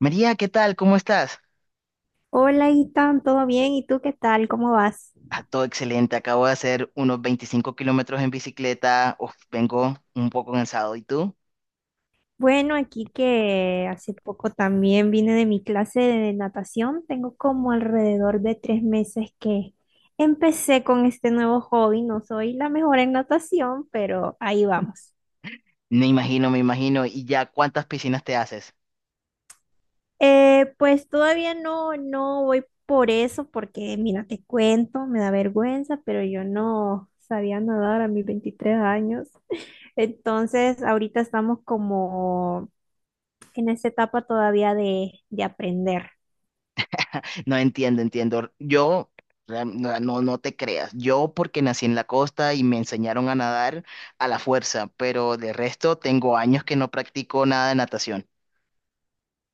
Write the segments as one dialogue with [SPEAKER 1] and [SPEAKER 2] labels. [SPEAKER 1] María, ¿qué tal? ¿Cómo estás?
[SPEAKER 2] Hola, Itan, ¿todo bien? ¿Y tú qué tal? ¿Cómo vas?
[SPEAKER 1] Ah, todo excelente. Acabo de hacer unos 25 kilómetros en bicicleta. Uf, vengo un poco cansado. ¿Y tú?
[SPEAKER 2] Bueno, aquí que hace poco también vine de mi clase de natación. Tengo como alrededor de 3 meses que empecé con este nuevo hobby. No soy la mejor en natación, pero ahí vamos.
[SPEAKER 1] Me imagino, me imagino. ¿Y ya cuántas piscinas te haces?
[SPEAKER 2] Pues todavía no, no voy por eso, porque mira, te cuento, me da vergüenza, pero yo no sabía nadar a mis 23 años. Entonces, ahorita estamos como en esa etapa todavía de aprender.
[SPEAKER 1] No entiendo, entiendo. Yo, no, no te creas. Yo porque nací en la costa y me enseñaron a nadar a la fuerza, pero de resto tengo años que no practico nada de natación.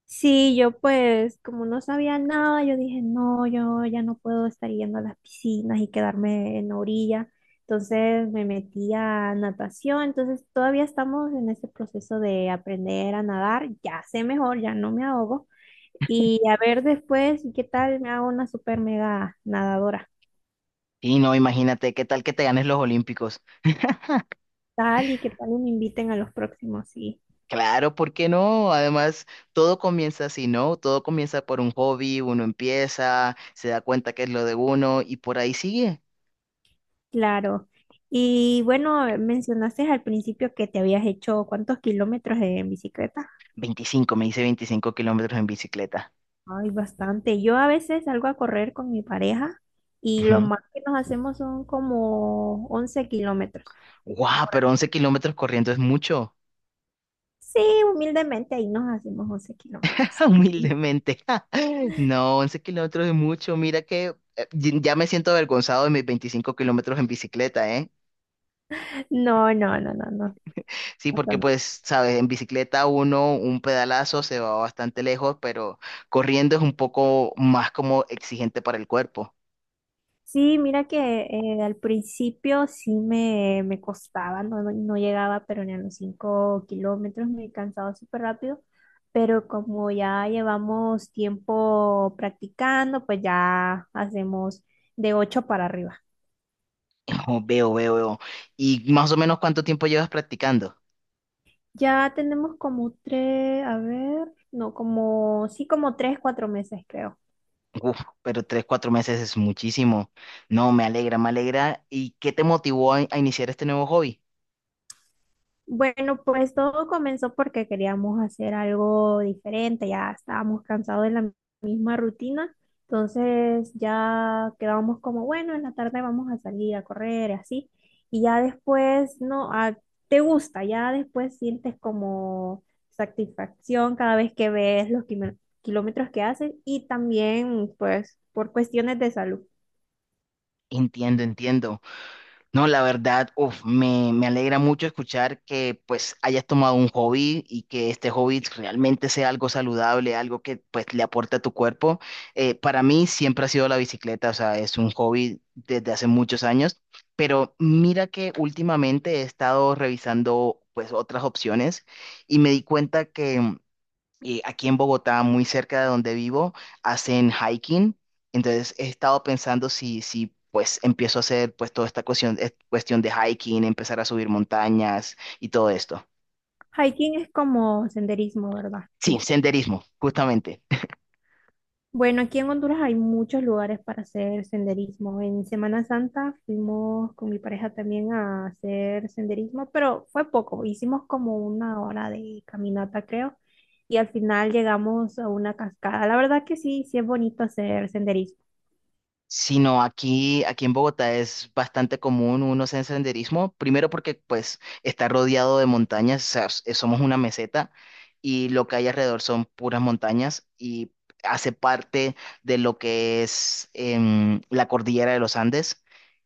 [SPEAKER 2] Sí, yo pues como no sabía nada, yo dije, no, yo ya no puedo estar yendo a las piscinas y quedarme en la orilla. Entonces me metí a natación, entonces todavía estamos en ese proceso de aprender a nadar, ya sé mejor, ya no me ahogo. Y a ver después qué tal me hago una super mega nadadora,
[SPEAKER 1] Y no, imagínate, ¿qué tal que te ganes los olímpicos?
[SPEAKER 2] tal y qué tal me inviten a los próximos, sí.
[SPEAKER 1] Claro, ¿por qué no? Además, todo comienza así, ¿no? Todo comienza por un hobby, uno empieza, se da cuenta que es lo de uno y por ahí sigue.
[SPEAKER 2] Claro. Y bueno, mencionaste al principio que te habías hecho cuántos kilómetros en bicicleta.
[SPEAKER 1] 25, me hice 25 kilómetros en bicicleta.
[SPEAKER 2] Ay, bastante. Yo a veces salgo a correr con mi pareja y lo
[SPEAKER 1] Ujú.
[SPEAKER 2] más que nos hacemos son como 11 kilómetros
[SPEAKER 1] Guau,
[SPEAKER 2] por
[SPEAKER 1] pero
[SPEAKER 2] ahí.
[SPEAKER 1] 11 kilómetros corriendo es mucho.
[SPEAKER 2] Sí, humildemente ahí nos hacemos 11 kilómetros.
[SPEAKER 1] Humildemente. No, 11 kilómetros es mucho. Mira que ya me siento avergonzado de mis 25 kilómetros en bicicleta, ¿eh?
[SPEAKER 2] No, no, no, no, no.
[SPEAKER 1] Sí,
[SPEAKER 2] No,
[SPEAKER 1] porque
[SPEAKER 2] no.
[SPEAKER 1] pues, sabes, en bicicleta uno, un pedalazo se va bastante lejos, pero corriendo es un poco más como exigente para el cuerpo.
[SPEAKER 2] Sí, mira que al principio sí me costaba, no, no llegaba, pero ni a los 5 kilómetros me cansaba súper rápido, pero como ya llevamos tiempo practicando, pues ya hacemos de 8 para arriba.
[SPEAKER 1] Oh, veo, veo, veo. ¿Y más o menos cuánto tiempo llevas practicando?
[SPEAKER 2] Ya tenemos como 3, a ver, no, como, sí, como 3 4 meses creo.
[SPEAKER 1] Uf, pero 3, 4 meses es muchísimo. No, me alegra, me alegra. ¿Y qué te motivó a iniciar este nuevo hobby?
[SPEAKER 2] Bueno, pues todo comenzó porque queríamos hacer algo diferente, ya estábamos cansados de la misma rutina, entonces ya quedábamos como, bueno, en la tarde vamos a salir a correr y así, y ya después, no, ah, te gusta, ya después sientes como satisfacción cada vez que ves los kilómetros que haces y también pues por cuestiones de salud.
[SPEAKER 1] Entiendo, entiendo. No, la verdad, uf, me alegra mucho escuchar que pues hayas tomado un hobby y que este hobby realmente sea algo saludable, algo que pues le aporte a tu cuerpo. Para mí siempre ha sido la bicicleta, o sea, es un hobby desde hace muchos años, pero mira que últimamente he estado revisando pues otras opciones y me di cuenta que y aquí en Bogotá, muy cerca de donde vivo, hacen hiking. Entonces he estado pensando si pues empiezo a hacer pues toda esta cuestión, cuestión de hiking, empezar a subir montañas y todo esto.
[SPEAKER 2] Hiking es como senderismo, ¿verdad?
[SPEAKER 1] Sí,
[SPEAKER 2] Sí.
[SPEAKER 1] senderismo, justamente.
[SPEAKER 2] Bueno, aquí en Honduras hay muchos lugares para hacer senderismo. En Semana Santa fuimos con mi pareja también a hacer senderismo, pero fue poco. Hicimos como una hora de caminata, creo, y al final llegamos a una cascada. La verdad que sí, sí es bonito hacer senderismo.
[SPEAKER 1] Sino aquí en Bogotá es bastante común uno hacer senderismo, primero porque pues está rodeado de montañas, o sea, somos una meseta y lo que hay alrededor son puras montañas y hace parte de lo que es la cordillera de los Andes,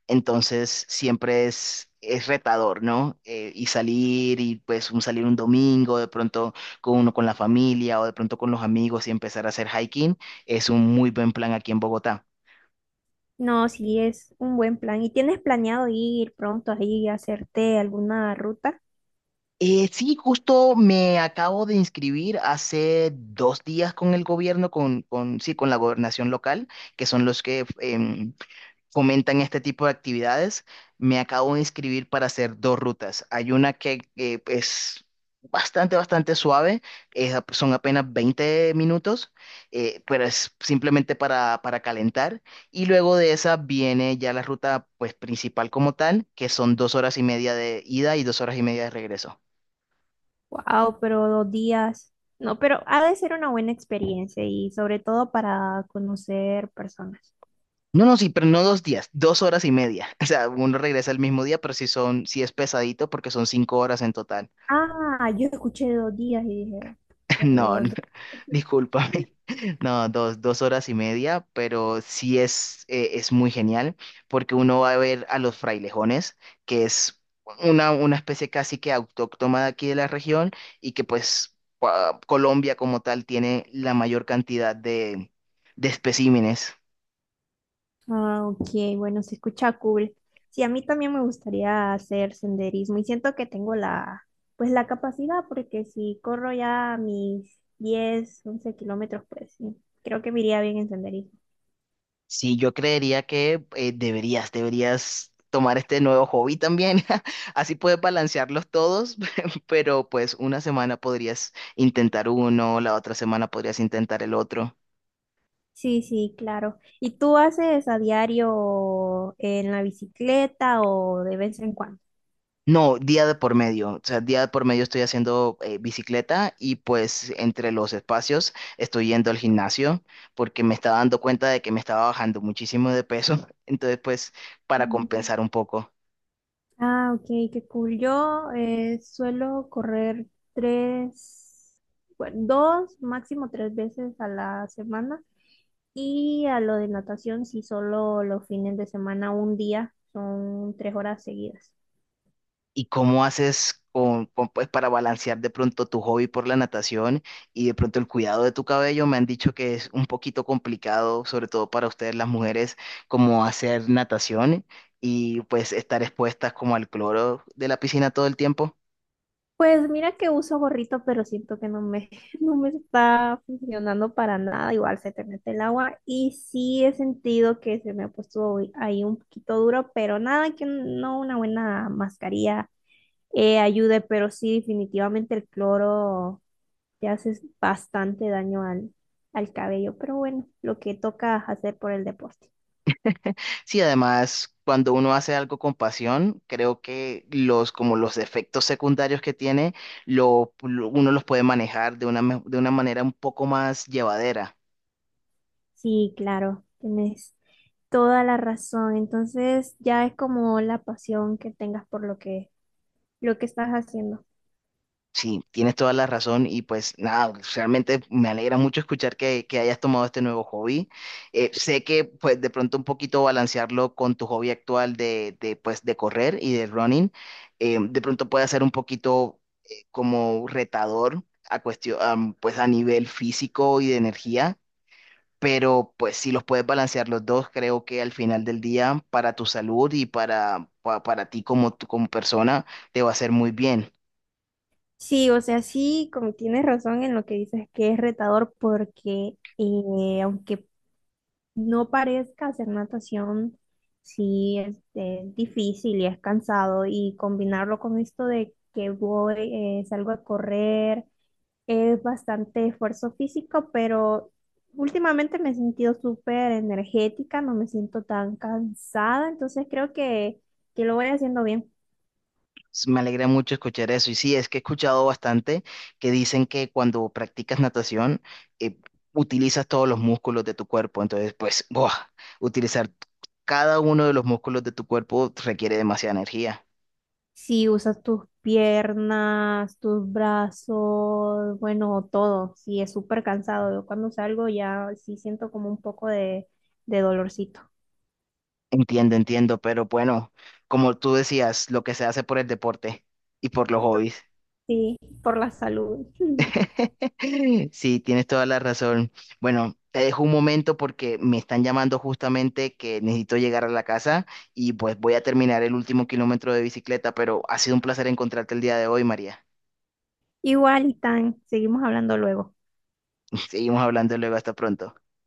[SPEAKER 1] entonces siempre es retador, ¿no? Y salir y pues un salir un domingo, de pronto con uno con la familia o de pronto con los amigos y empezar a hacer hiking es un muy buen plan aquí en Bogotá.
[SPEAKER 2] No, sí es un buen plan. ¿Y tienes planeado ir pronto ahí a hacerte alguna ruta?
[SPEAKER 1] Sí, justo me acabo de inscribir hace 2 días con el gobierno, sí, con la gobernación local, que son los que fomentan este tipo de actividades. Me acabo de inscribir para hacer dos rutas. Hay una que es bastante, bastante suave, son apenas 20 minutos, pero es simplemente para calentar. Y luego de esa viene ya la ruta pues, principal como tal, que son 2 horas y media de ida y 2 horas y media de regreso.
[SPEAKER 2] Wow, pero 2 días. No, pero ha de ser una buena experiencia y sobre todo para conocer personas.
[SPEAKER 1] No, no, sí, pero no 2 días, 2 horas y media. O sea, uno regresa el mismo día, pero sí es pesadito porque son 5 horas en total.
[SPEAKER 2] Ah, yo escuché 2 días y dije, pucha,
[SPEAKER 1] No,
[SPEAKER 2] dos,
[SPEAKER 1] no,
[SPEAKER 2] dos.
[SPEAKER 1] discúlpame. No, dos horas y media, pero sí es muy genial porque uno va a ver a los frailejones, que es una especie casi que autóctona de aquí de la región y que pues Colombia como tal tiene la mayor cantidad de especímenes.
[SPEAKER 2] Ah, ok, bueno, se escucha cool. Sí, a mí también me gustaría hacer senderismo y siento que tengo la, pues la capacidad porque si corro ya mis 10, 11 kilómetros, pues sí, creo que me iría bien en senderismo.
[SPEAKER 1] Sí, yo creería que deberías tomar este nuevo hobby también. Así puedes balancearlos todos, pero pues una semana podrías intentar uno, la otra semana podrías intentar el otro.
[SPEAKER 2] Sí, sí, claro. ¿Y tú haces a diario en la bicicleta o de vez en cuando?
[SPEAKER 1] No, día de por medio. O sea, día de por medio estoy haciendo bicicleta y pues entre los espacios estoy yendo al gimnasio porque me estaba dando cuenta de que me estaba bajando muchísimo de peso. Entonces, pues, para
[SPEAKER 2] Mm.
[SPEAKER 1] compensar un poco.
[SPEAKER 2] Ah, ok, qué cool. Yo suelo correr tres, bueno, dos, máximo tres veces a la semana. Y a lo de natación, sí, solo los fines de semana, un día, son 3 horas seguidas.
[SPEAKER 1] ¿Y cómo haces pues, para balancear de pronto tu hobby por la natación y de pronto el cuidado de tu cabello? Me han dicho que es un poquito complicado, sobre todo para ustedes las mujeres, como hacer natación y pues estar expuestas como al cloro de la piscina todo el tiempo.
[SPEAKER 2] Pues mira que uso gorrito, pero siento que no me, no me está funcionando para nada. Igual se te mete el agua y sí he sentido que se me ha puesto ahí un poquito duro, pero nada que no una buena mascarilla ayude, pero sí definitivamente el cloro te hace bastante daño al cabello. Pero bueno, lo que toca hacer por el deporte.
[SPEAKER 1] Sí, además, cuando uno hace algo con pasión, creo que los, como los efectos secundarios que tiene, uno los puede manejar de una manera un poco más llevadera.
[SPEAKER 2] Sí, claro, tienes toda la razón. Entonces ya es como la pasión que tengas por lo que estás haciendo.
[SPEAKER 1] Sí, tienes toda la razón y pues nada, realmente me alegra mucho escuchar que hayas tomado este nuevo hobby. Sé que pues de pronto un poquito balancearlo con tu hobby actual pues de correr y de running, de pronto puede ser un poquito como retador a cuestión, pues a nivel físico y de energía, pero pues si los puedes balancear los dos, creo que al final del día para tu salud y para ti como persona te va a hacer muy bien.
[SPEAKER 2] Sí, o sea, sí, como tienes razón en lo que dices que es retador porque aunque no parezca hacer natación, sí es difícil y es cansado y combinarlo con esto de que voy, salgo a correr, es bastante esfuerzo físico, pero últimamente me he sentido súper energética, no me siento tan cansada, entonces creo que lo voy haciendo bien.
[SPEAKER 1] Me alegra mucho escuchar eso. Y sí, es que he escuchado bastante que dicen que cuando practicas natación, eh, utilizas todos los músculos de tu cuerpo. Entonces, pues, ¡buah! Utilizar cada uno de los músculos de tu cuerpo requiere demasiada energía.
[SPEAKER 2] Si usas tus piernas, tus brazos, bueno, todo. Si es súper cansado. Yo cuando salgo ya sí siento como un poco de dolorcito.
[SPEAKER 1] Entiendo, entiendo, pero bueno, como tú decías, lo que se hace por el deporte y por los hobbies.
[SPEAKER 2] Sí, por la salud.
[SPEAKER 1] Sí, tienes toda la razón. Bueno, te dejo un momento porque me están llamando justamente que necesito llegar a la casa y pues voy a terminar el último kilómetro de bicicleta, pero ha sido un placer encontrarte el día de hoy, María.
[SPEAKER 2] Igual, Tan, seguimos hablando luego.
[SPEAKER 1] Seguimos hablando luego, hasta pronto.